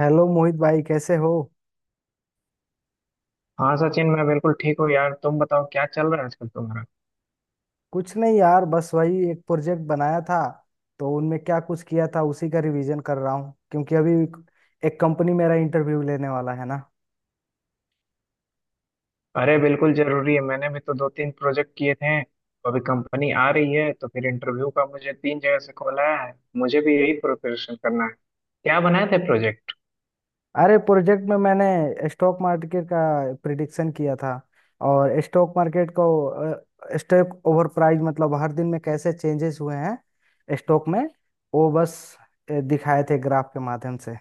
Hello Mohit भाई कैसे हो। हाँ सचिन, मैं बिल्कुल ठीक हूँ यार। तुम बताओ क्या चल रहा है आजकल तुम्हारा। कुछ नहीं यार बस वही एक प्रोजेक्ट बनाया था तो उनमें क्या कुछ किया था उसी का रिवीजन कर रहा हूँ, क्योंकि अभी एक कंपनी मेरा इंटरव्यू लेने वाला है ना। अरे बिल्कुल जरूरी है। मैंने भी तो दो तीन प्रोजेक्ट किए थे। अभी कंपनी आ रही है तो फिर इंटरव्यू का मुझे तीन जगह से कॉल आया है, मुझे भी यही प्रिपरेशन करना है। क्या बनाए थे प्रोजेक्ट? अरे प्रोजेक्ट में मैंने स्टॉक मार्केट का प्रिडिक्शन किया था। और स्टॉक मार्केट को स्टॉक ओवर प्राइस मतलब हर दिन में कैसे चेंजेस हुए हैं स्टॉक में, वो बस दिखाए थे ग्राफ के माध्यम से।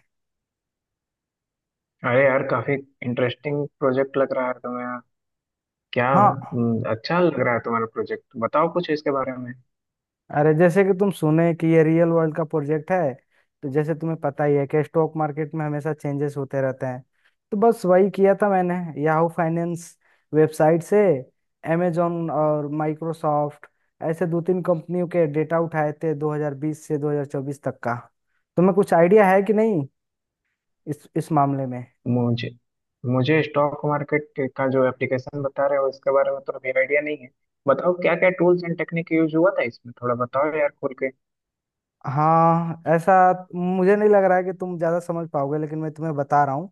अरे यार, काफी इंटरेस्टिंग प्रोजेक्ट लग रहा है तुम्हें, क्या हाँ, अच्छा लग रहा है तुम्हारा प्रोजेक्ट। बताओ कुछ इसके बारे में। अरे जैसे कि तुम सुने कि ये रियल वर्ल्ड का प्रोजेक्ट है। तो जैसे तुम्हें पता ही है कि स्टॉक मार्केट में हमेशा चेंजेस होते रहते हैं, तो बस वही किया था मैंने। याहू फाइनेंस वेबसाइट से अमेजोन और माइक्रोसॉफ्ट, ऐसे 2-3 कंपनियों के डेटा उठाए थे 2020 से 2024 तक का। तुम्हें कुछ आइडिया है कि नहीं इस मामले में? मुझे मुझे स्टॉक मार्केट का जो एप्लीकेशन बता रहे हो इसके बारे में तो अभी आइडिया नहीं है। बताओ क्या क्या टूल्स एंड टेक्निक यूज हुआ था इसमें, थोड़ा बताओ यार खुल के। हाँ ऐसा, मुझे नहीं लग रहा है कि तुम ज्यादा समझ पाओगे, लेकिन मैं तुम्हें बता रहा हूँ।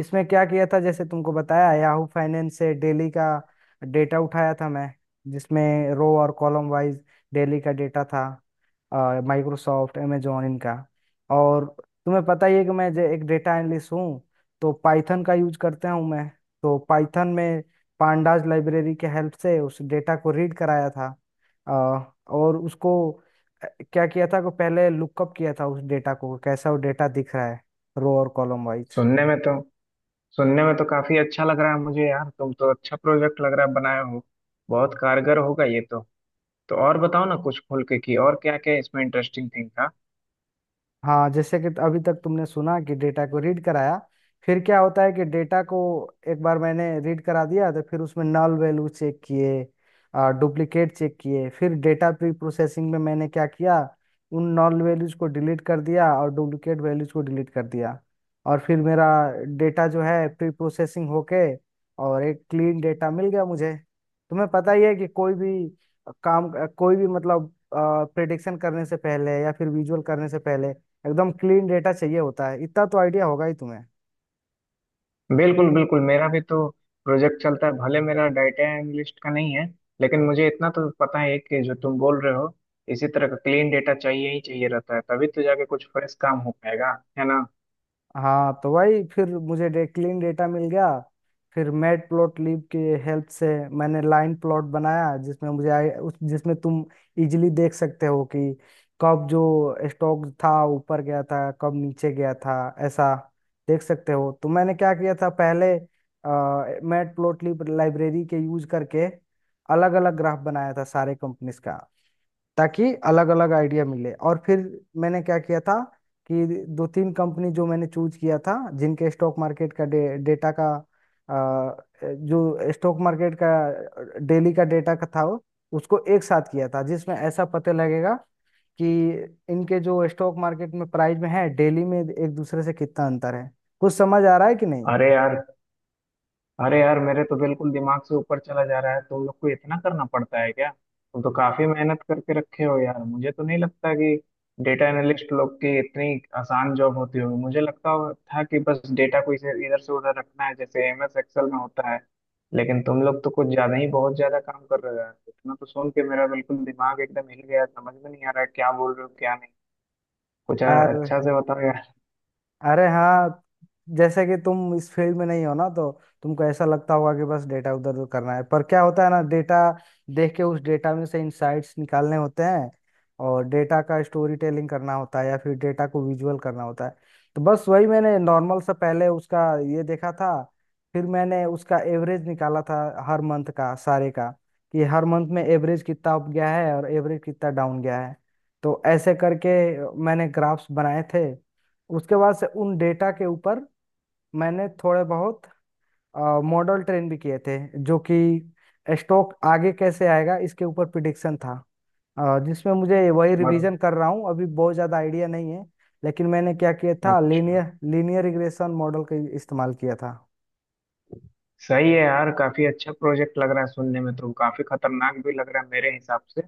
इसमें क्या किया था, जैसे तुमको बताया, याहू फाइनेंस से डेली का डेटा उठाया था मैं, जिसमें रो और कॉलम वाइज डेली का डेटा था माइक्रोसॉफ्ट amazon इनका। और तुम्हें पता ही है कि मैं एक डेटा एनालिस्ट हूँ, तो पाइथन का यूज करता हूँ मैं। तो पाइथन में पांडाज लाइब्रेरी के हेल्प से उस डेटा को रीड कराया था। और उसको अ, क्या किया था कि पहले लुकअप किया था उस डेटा को, कैसा वो डेटा दिख रहा है रो और कॉलम वाइज। सुनने में तो सुनने में तो काफी अच्छा लग रहा है मुझे यार। तुम तो अच्छा प्रोजेक्ट लग रहा है बनाए हो, बहुत कारगर होगा ये तो। तो और बताओ ना कुछ खुल के कि और क्या क्या इसमें इंटरेस्टिंग थिंग। हाँ जैसे कि अभी तक तुमने सुना कि डेटा को रीड कराया, फिर क्या होता है कि डेटा को एक बार मैंने रीड करा दिया तो फिर उसमें नल वैल्यू चेक किए, डुप्लीकेट चेक किए। फिर डेटा प्री प्रोसेसिंग में मैंने क्या किया, उन नल वैल्यूज को डिलीट कर दिया और डुप्लीकेट वैल्यूज को डिलीट कर दिया। और फिर मेरा डेटा जो है प्री प्रोसेसिंग होके और एक क्लीन डेटा मिल गया मुझे। तुम्हें पता ही है कि कोई भी काम, कोई भी मतलब प्रेडिक्शन करने से पहले या फिर विजुअल करने से पहले, एकदम क्लीन डेटा चाहिए होता है। इतना तो आइडिया होगा ही तुम्हें। बिल्कुल बिल्कुल, मेरा भी तो प्रोजेक्ट चलता है, भले मेरा डाटा एनालिस्ट का नहीं है। लेकिन मुझे इतना तो पता है कि जो तुम बोल रहे हो, इसी तरह का क्लीन डेटा चाहिए ही चाहिए रहता है, तभी तो जाके कुछ फ्रेश काम हो पाएगा, है ना। हाँ तो वही, फिर मुझे क्लीन डेटा मिल गया। फिर मैट प्लॉट लिब की हेल्प से मैंने लाइन प्लॉट बनाया, जिसमें मुझे आई, उस जिसमें तुम इजीली देख सकते हो कि कब जो स्टॉक था ऊपर गया था कब नीचे गया था, ऐसा देख सकते हो। तो मैंने क्या किया था पहले, मैट प्लॉट लिब लाइब्रेरी के यूज करके अलग अलग ग्राफ बनाया था सारे कंपनीज का, ताकि अलग अलग आइडिया मिले। और फिर मैंने क्या किया था कि दो तीन कंपनी जो मैंने चूज किया था जिनके स्टॉक मार्केट का डेटा का, जो स्टॉक मार्केट का डेली का डेटा का था उसको एक साथ किया था, जिसमें ऐसा पता लगेगा कि इनके जो स्टॉक मार्केट में प्राइस में है डेली में एक दूसरे से कितना अंतर है। कुछ समझ आ रहा है कि नहीं? अरे यार अरे यार, मेरे तो बिल्कुल दिमाग से ऊपर चला जा रहा है। तुम लोग को इतना करना पड़ता है क्या? तुम तो काफी मेहनत करके रखे हो यार। मुझे तो नहीं लगता कि डेटा एनालिस्ट लोग की इतनी आसान जॉब होती होगी। मुझे था कि बस डेटा को इसे इधर से उधर रखना है जैसे MS Excel में होता है। लेकिन तुम लोग तो कुछ ज्यादा ही बहुत ज्यादा काम कर रहे हो यार। इतना तो सुन के मेरा बिल्कुल दिमाग एकदम हिल गया, समझ में नहीं आ रहा है क्या बोल रहे हो क्या नहीं। कुछ और अच्छा से बताओ यार। अरे हाँ, जैसे कि तुम इस फील्ड में नहीं हो ना, तो तुमको ऐसा लगता होगा कि बस डेटा उधर उधर करना है। पर क्या होता है ना, डेटा देख के उस डेटा में से इंसाइट्स निकालने होते हैं, और डेटा का स्टोरी टेलिंग करना होता है या फिर डेटा को विजुअल करना होता है। तो बस वही मैंने नॉर्मल सा पहले उसका ये देखा था, फिर मैंने उसका एवरेज निकाला था, हर मंथ का सारे का, कि हर मंथ में एवरेज कितना अप गया है और एवरेज कितना डाउन गया है। तो ऐसे करके मैंने ग्राफ्स बनाए थे। उसके बाद से उन डेटा के ऊपर मैंने थोड़े बहुत मॉडल ट्रेन भी किए थे, जो कि स्टॉक आगे कैसे आएगा इसके ऊपर प्रिडिक्शन था। जिसमें मुझे, वही बहुत रिवीजन कर रहा हूँ अभी, बहुत ज़्यादा आइडिया नहीं है। लेकिन मैंने क्या किया था, अच्छा। लीनियर लीनियर रिग्रेशन मॉडल का इस्तेमाल किया था। सही है यार, काफी अच्छा प्रोजेक्ट लग रहा है सुनने में, तो काफी खतरनाक भी लग रहा है मेरे हिसाब से।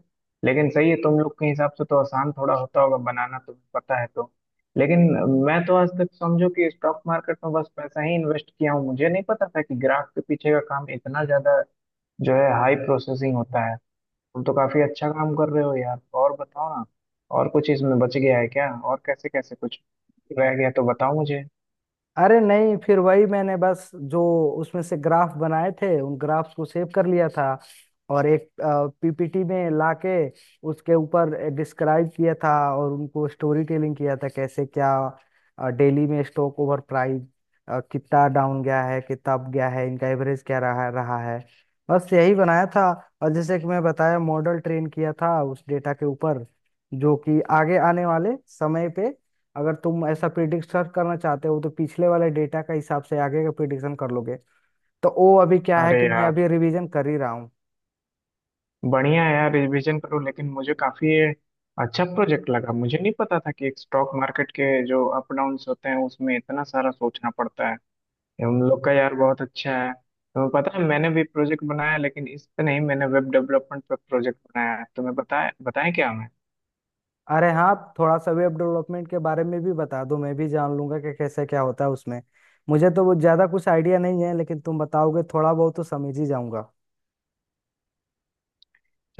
लेकिन सही है, तुम लोग के हिसाब से तो आसान थोड़ा होता होगा बनाना, तुम्हें पता है तो। लेकिन मैं तो आज तक समझो कि स्टॉक मार्केट में बस पैसा ही इन्वेस्ट किया हूँ, मुझे नहीं पता था कि ग्राफ के पीछे का काम इतना ज्यादा जो है हाई प्रोसेसिंग होता है। तुम तो काफी अच्छा काम कर रहे हो यार। और बताओ ना, और कुछ इसमें बच गया है क्या, और कैसे कैसे कुछ रह गया तो बताओ मुझे। अरे नहीं, फिर वही मैंने बस जो उसमें से ग्राफ बनाए थे उन ग्राफ्स को सेव कर लिया था और एक पीपीटी में लाके उसके ऊपर डिस्क्राइब किया था और उनको स्टोरी टेलिंग किया था कैसे क्या डेली में स्टॉक ओवर प्राइस कितना डाउन गया है कितना अप गया है इनका एवरेज क्या रहा रहा है। बस यही बनाया था। और जैसे कि मैं बताया, मॉडल ट्रेन किया था उस डेटा के ऊपर, जो कि आगे आने वाले समय पे अगर तुम ऐसा प्रिडिक्शन करना चाहते हो तो पिछले वाले डेटा के हिसाब से आगे का प्रिडिक्शन कर लोगे। तो वो अभी क्या है अरे कि मैं यार, अभी रिवीजन कर ही रहा हूँ। बढ़िया है यार, रिवीजन करो। लेकिन मुझे काफी ये अच्छा प्रोजेक्ट लगा, मुझे नहीं पता था कि एक स्टॉक मार्केट के जो अप डाउन्स होते हैं उसमें इतना सारा सोचना पड़ता है। ये हम लोग का यार बहुत अच्छा है। तुम्हें पता है मैंने भी प्रोजेक्ट बनाया, लेकिन इस पे नहीं, मैंने वेब डेवलपमेंट पे प्रोजेक्ट बनाया है। तुम्हें बताया, बताएं क्या? अरे हाँ, थोड़ा सा वेब डेवलपमेंट के बारे में भी बता दो, मैं भी जान लूंगा कि कैसे क्या होता है उसमें। मुझे तो वो ज्यादा कुछ आइडिया नहीं है, लेकिन तुम बताओगे थोड़ा बहुत तो समझ ही जाऊंगा।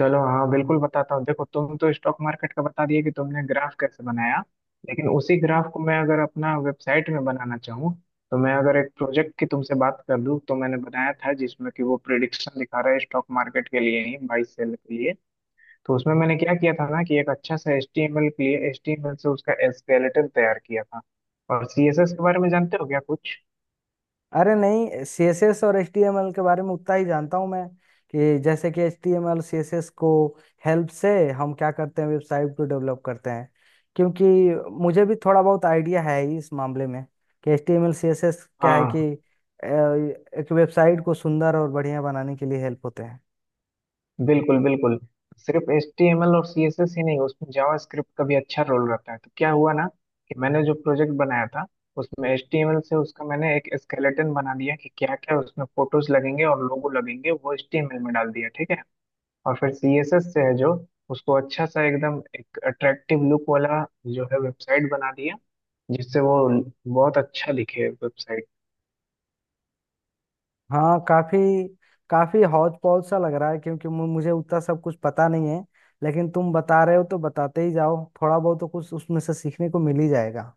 चलो हाँ, बिल्कुल बताता हूँ। देखो तुम तो स्टॉक मार्केट का बता दिए कि तुमने ग्राफ कैसे बनाया। लेकिन उसी ग्राफ को मैं अगर अपना वेबसाइट में बनाना चाहूँ, तो मैं अगर एक प्रोजेक्ट की तुमसे बात कर लूँ, तो मैंने बनाया था जिसमें कि वो प्रिडिक्शन दिखा रहा है स्टॉक मार्केट के लिए ही, बाई सेल के लिए। तो उसमें मैंने क्या किया था ना कि एक अच्छा सा HTML के लिए, एच टी एम एल से उसका स्केलेटन तैयार किया था। और CSS के बारे में जानते हो क्या कुछ? अरे नहीं, सीएसएस और एचटीएमएल के बारे में उतना ही जानता हूँ मैं कि जैसे कि एचटीएमएल सीएसएस को हेल्प से हम क्या करते हैं, वेबसाइट को डेवलप करते हैं। क्योंकि मुझे भी थोड़ा बहुत आइडिया है ही इस मामले में कि एचटीएमएल सीएसएस क्या है कि हाँ एक वेबसाइट को सुंदर और बढ़िया बनाने के लिए हेल्प होते हैं। बिल्कुल बिल्कुल। सिर्फ एच टी एम एल और सी एस एस ही नहीं, उसमें जावा स्क्रिप्ट का भी अच्छा रोल रहता है। तो क्या हुआ ना कि मैंने जो प्रोजेक्ट बनाया था, उसमें एच टी एम एल से उसका मैंने एक स्केलेटन बना दिया कि क्या क्या उसमें फोटोज लगेंगे और लोगो लगेंगे, वो एच टी एम एल में डाल दिया, ठीक है। और फिर सी एस एस से है जो उसको अच्छा सा एकदम एक अट्रैक्टिव लुक वाला जो है वेबसाइट बना दिया, जिससे वो बहुत अच्छा दिखे वेबसाइट। हाँ काफी, काफी हौज पौज सा लग रहा है, क्योंकि मुझे उतना सब कुछ पता नहीं है। लेकिन तुम बता रहे हो तो बताते ही जाओ, थोड़ा बहुत तो कुछ उसमें से सीखने को मिल ही जाएगा।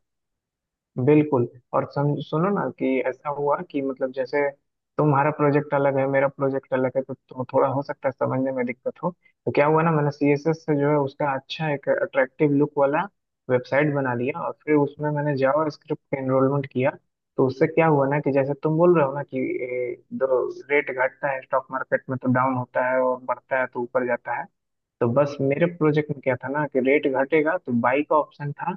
बिल्कुल। और सम सुनो ना कि ऐसा हुआ कि मतलब जैसे तुम्हारा प्रोजेक्ट अलग है, मेरा प्रोजेक्ट अलग है, तो थोड़ा हो सकता है समझने में दिक्कत हो। तो क्या हुआ ना, मैंने CSS से जो है उसका अच्छा एक अट्रैक्टिव लुक वाला वेबसाइट बना लिया, और फिर उसमें मैंने जावा स्क्रिप्ट का एनरोलमेंट किया। तो उससे क्या हुआ ना कि जैसे तुम बोल रहे हो ना कि दो रेट घटता है स्टॉक मार्केट में तो डाउन होता है, और बढ़ता है तो ऊपर जाता है। तो बस मेरे प्रोजेक्ट में क्या था ना कि रेट घटेगा तो बाई का ऑप्शन था,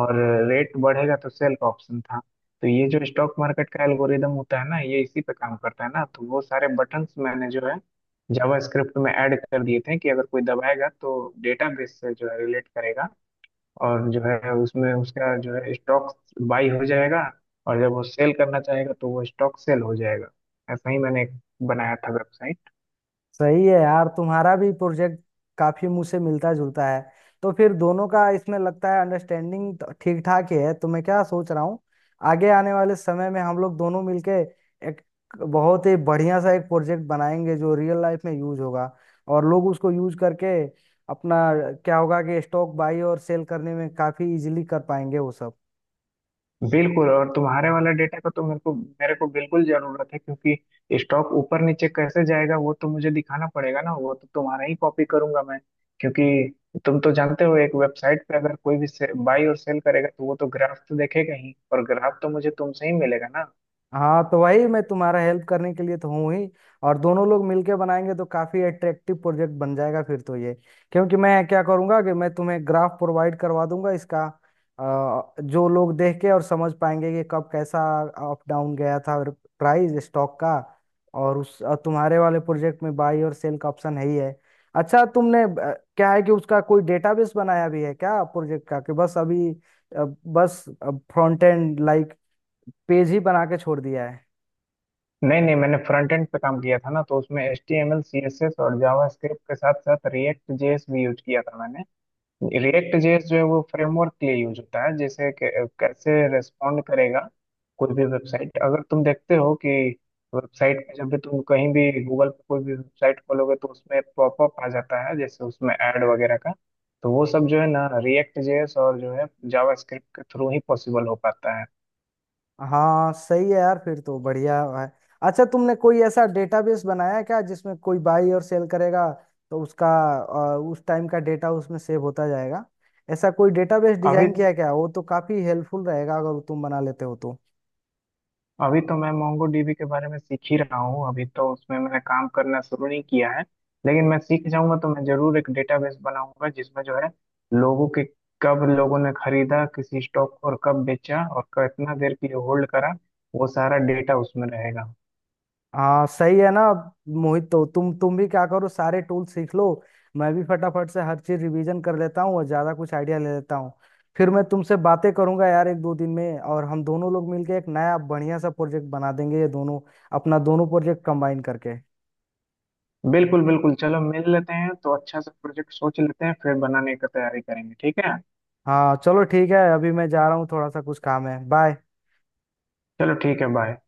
और रेट बढ़ेगा तो सेल का ऑप्शन था। तो ये जो स्टॉक मार्केट का एल्गोरिदम होता है ना, ये इसी पे काम करता है ना। तो वो सारे बटन्स मैंने जो है जावास्क्रिप्ट में ऐड कर दिए थे कि अगर कोई दबाएगा तो डेटाबेस से जो है रिलेट करेगा, और जो है उसमें उसका जो है स्टॉक बाई हो जाएगा। और जब वो सेल करना चाहेगा तो वो स्टॉक सेल हो जाएगा। ऐसा ही मैंने एक बनाया था। सही है यार, तुम्हारा भी प्रोजेक्ट काफी मुझसे मिलता जुलता है। तो फिर दोनों का इसमें लगता है अंडरस्टैंडिंग ठीक ठाक ही है। तो मैं क्या सोच रहा हूँ, आगे आने वाले समय में हम लोग दोनों मिलके एक बहुत ही बढ़िया सा एक प्रोजेक्ट बनाएंगे जो रियल लाइफ में यूज होगा, और लोग उसको यूज करके अपना, क्या होगा कि स्टॉक बाई और सेल करने में काफी इजीली कर पाएंगे वो सब। बिल्कुल। और तुम्हारे वाला डेटा का तो मेरे को बिल्कुल जरूरत है, क्योंकि स्टॉक ऊपर नीचे कैसे जाएगा वो तो मुझे दिखाना पड़ेगा ना, वो तो तुम्हारा ही कॉपी करूंगा मैं। क्योंकि तुम तो जानते हो एक वेबसाइट पे अगर कोई भी बाई और सेल करेगा तो वो तो ग्राफ तो देखेगा ही, और ग्राफ तो मुझे तुमसे ही मिलेगा ना। हाँ तो वही, मैं तुम्हारा हेल्प करने के लिए तो हूँ ही, और दोनों लोग मिलके बनाएंगे तो काफी अट्रैक्टिव प्रोजेक्ट बन जाएगा फिर तो ये। क्योंकि मैं क्या करूंगा कि मैं तुम्हें ग्राफ प्रोवाइड करवा दूंगा इसका, जो लोग देख के और समझ पाएंगे कि कब कैसा अप डाउन गया था और प्राइस स्टॉक का, और उस और तुम्हारे वाले प्रोजेक्ट में बाई और सेल का ऑप्शन है ही है। अच्छा तुमने क्या है कि उसका कोई डेटाबेस बनाया भी है क्या प्रोजेक्ट का, कि बस अभी बस फ्रंट एंड लाइक पेज ही बना के छोड़ दिया है? नहीं नहीं, मैंने फ्रंट एंड पे काम किया था ना, तो उसमें H T M L C S S और जावा स्क्रिप्ट के साथ साथ रिएक्ट JS भी यूज किया था मैंने। रिएक्ट जेएस जो है वो फ्रेमवर्क के लिए यूज होता है, जैसे कैसे रेस्पॉन्ड करेगा कोई भी वेबसाइट। अगर तुम देखते हो कि वेबसाइट पे जब भी तुम कहीं भी गूगल पे कोई भी वेबसाइट खोलोगे तो उसमें पॉपअप आ जाता है जैसे उसमें ऐड वगैरह का, तो वो सब जो है ना रिएक्ट जेएस और जो है जावास्क्रिप्ट के थ्रू ही पॉसिबल हो पाता है। हाँ सही है यार, फिर तो बढ़िया है। अच्छा तुमने कोई ऐसा डेटाबेस बनाया है क्या जिसमें कोई बाई और सेल करेगा तो उसका उस टाइम का डेटा उसमें सेव होता जाएगा? ऐसा कोई डेटाबेस अभी डिजाइन किया है क्या? वो तो काफी हेल्पफुल रहेगा अगर तुम बना लेते हो तो। अभी तो मैं मोंगोडीबी के बारे में सीख ही रहा हूँ, अभी तो उसमें मैंने काम करना शुरू नहीं किया है। लेकिन मैं सीख जाऊंगा तो मैं जरूर एक डेटाबेस बनाऊंगा जिसमें जो है लोगों के, कब लोगों ने खरीदा किसी स्टॉक को और कब बेचा और कितना देर के लिए होल्ड करा, वो सारा डेटा उसमें रहेगा। हाँ सही है ना मोहित। तो तुम भी क्या करो, सारे टूल सीख लो। मैं भी फटाफट से हर चीज रिवीजन कर लेता हूँ और ज्यादा कुछ आइडिया ले लेता हूँ, फिर मैं तुमसे बातें करूंगा यार 1-2 दिन में। और हम दोनों लोग मिलके एक नया बढ़िया सा प्रोजेक्ट बना देंगे, ये दोनों अपना दोनों प्रोजेक्ट कंबाइन करके। बिल्कुल बिल्कुल, चलो मिल लेते हैं तो अच्छा सा प्रोजेक्ट सोच लेते हैं, फिर बनाने की तैयारी करेंगे, ठीक है। हाँ चलो ठीक है, अभी मैं जा रहा हूँ, थोड़ा सा कुछ काम है। बाय। चलो ठीक है, बाय।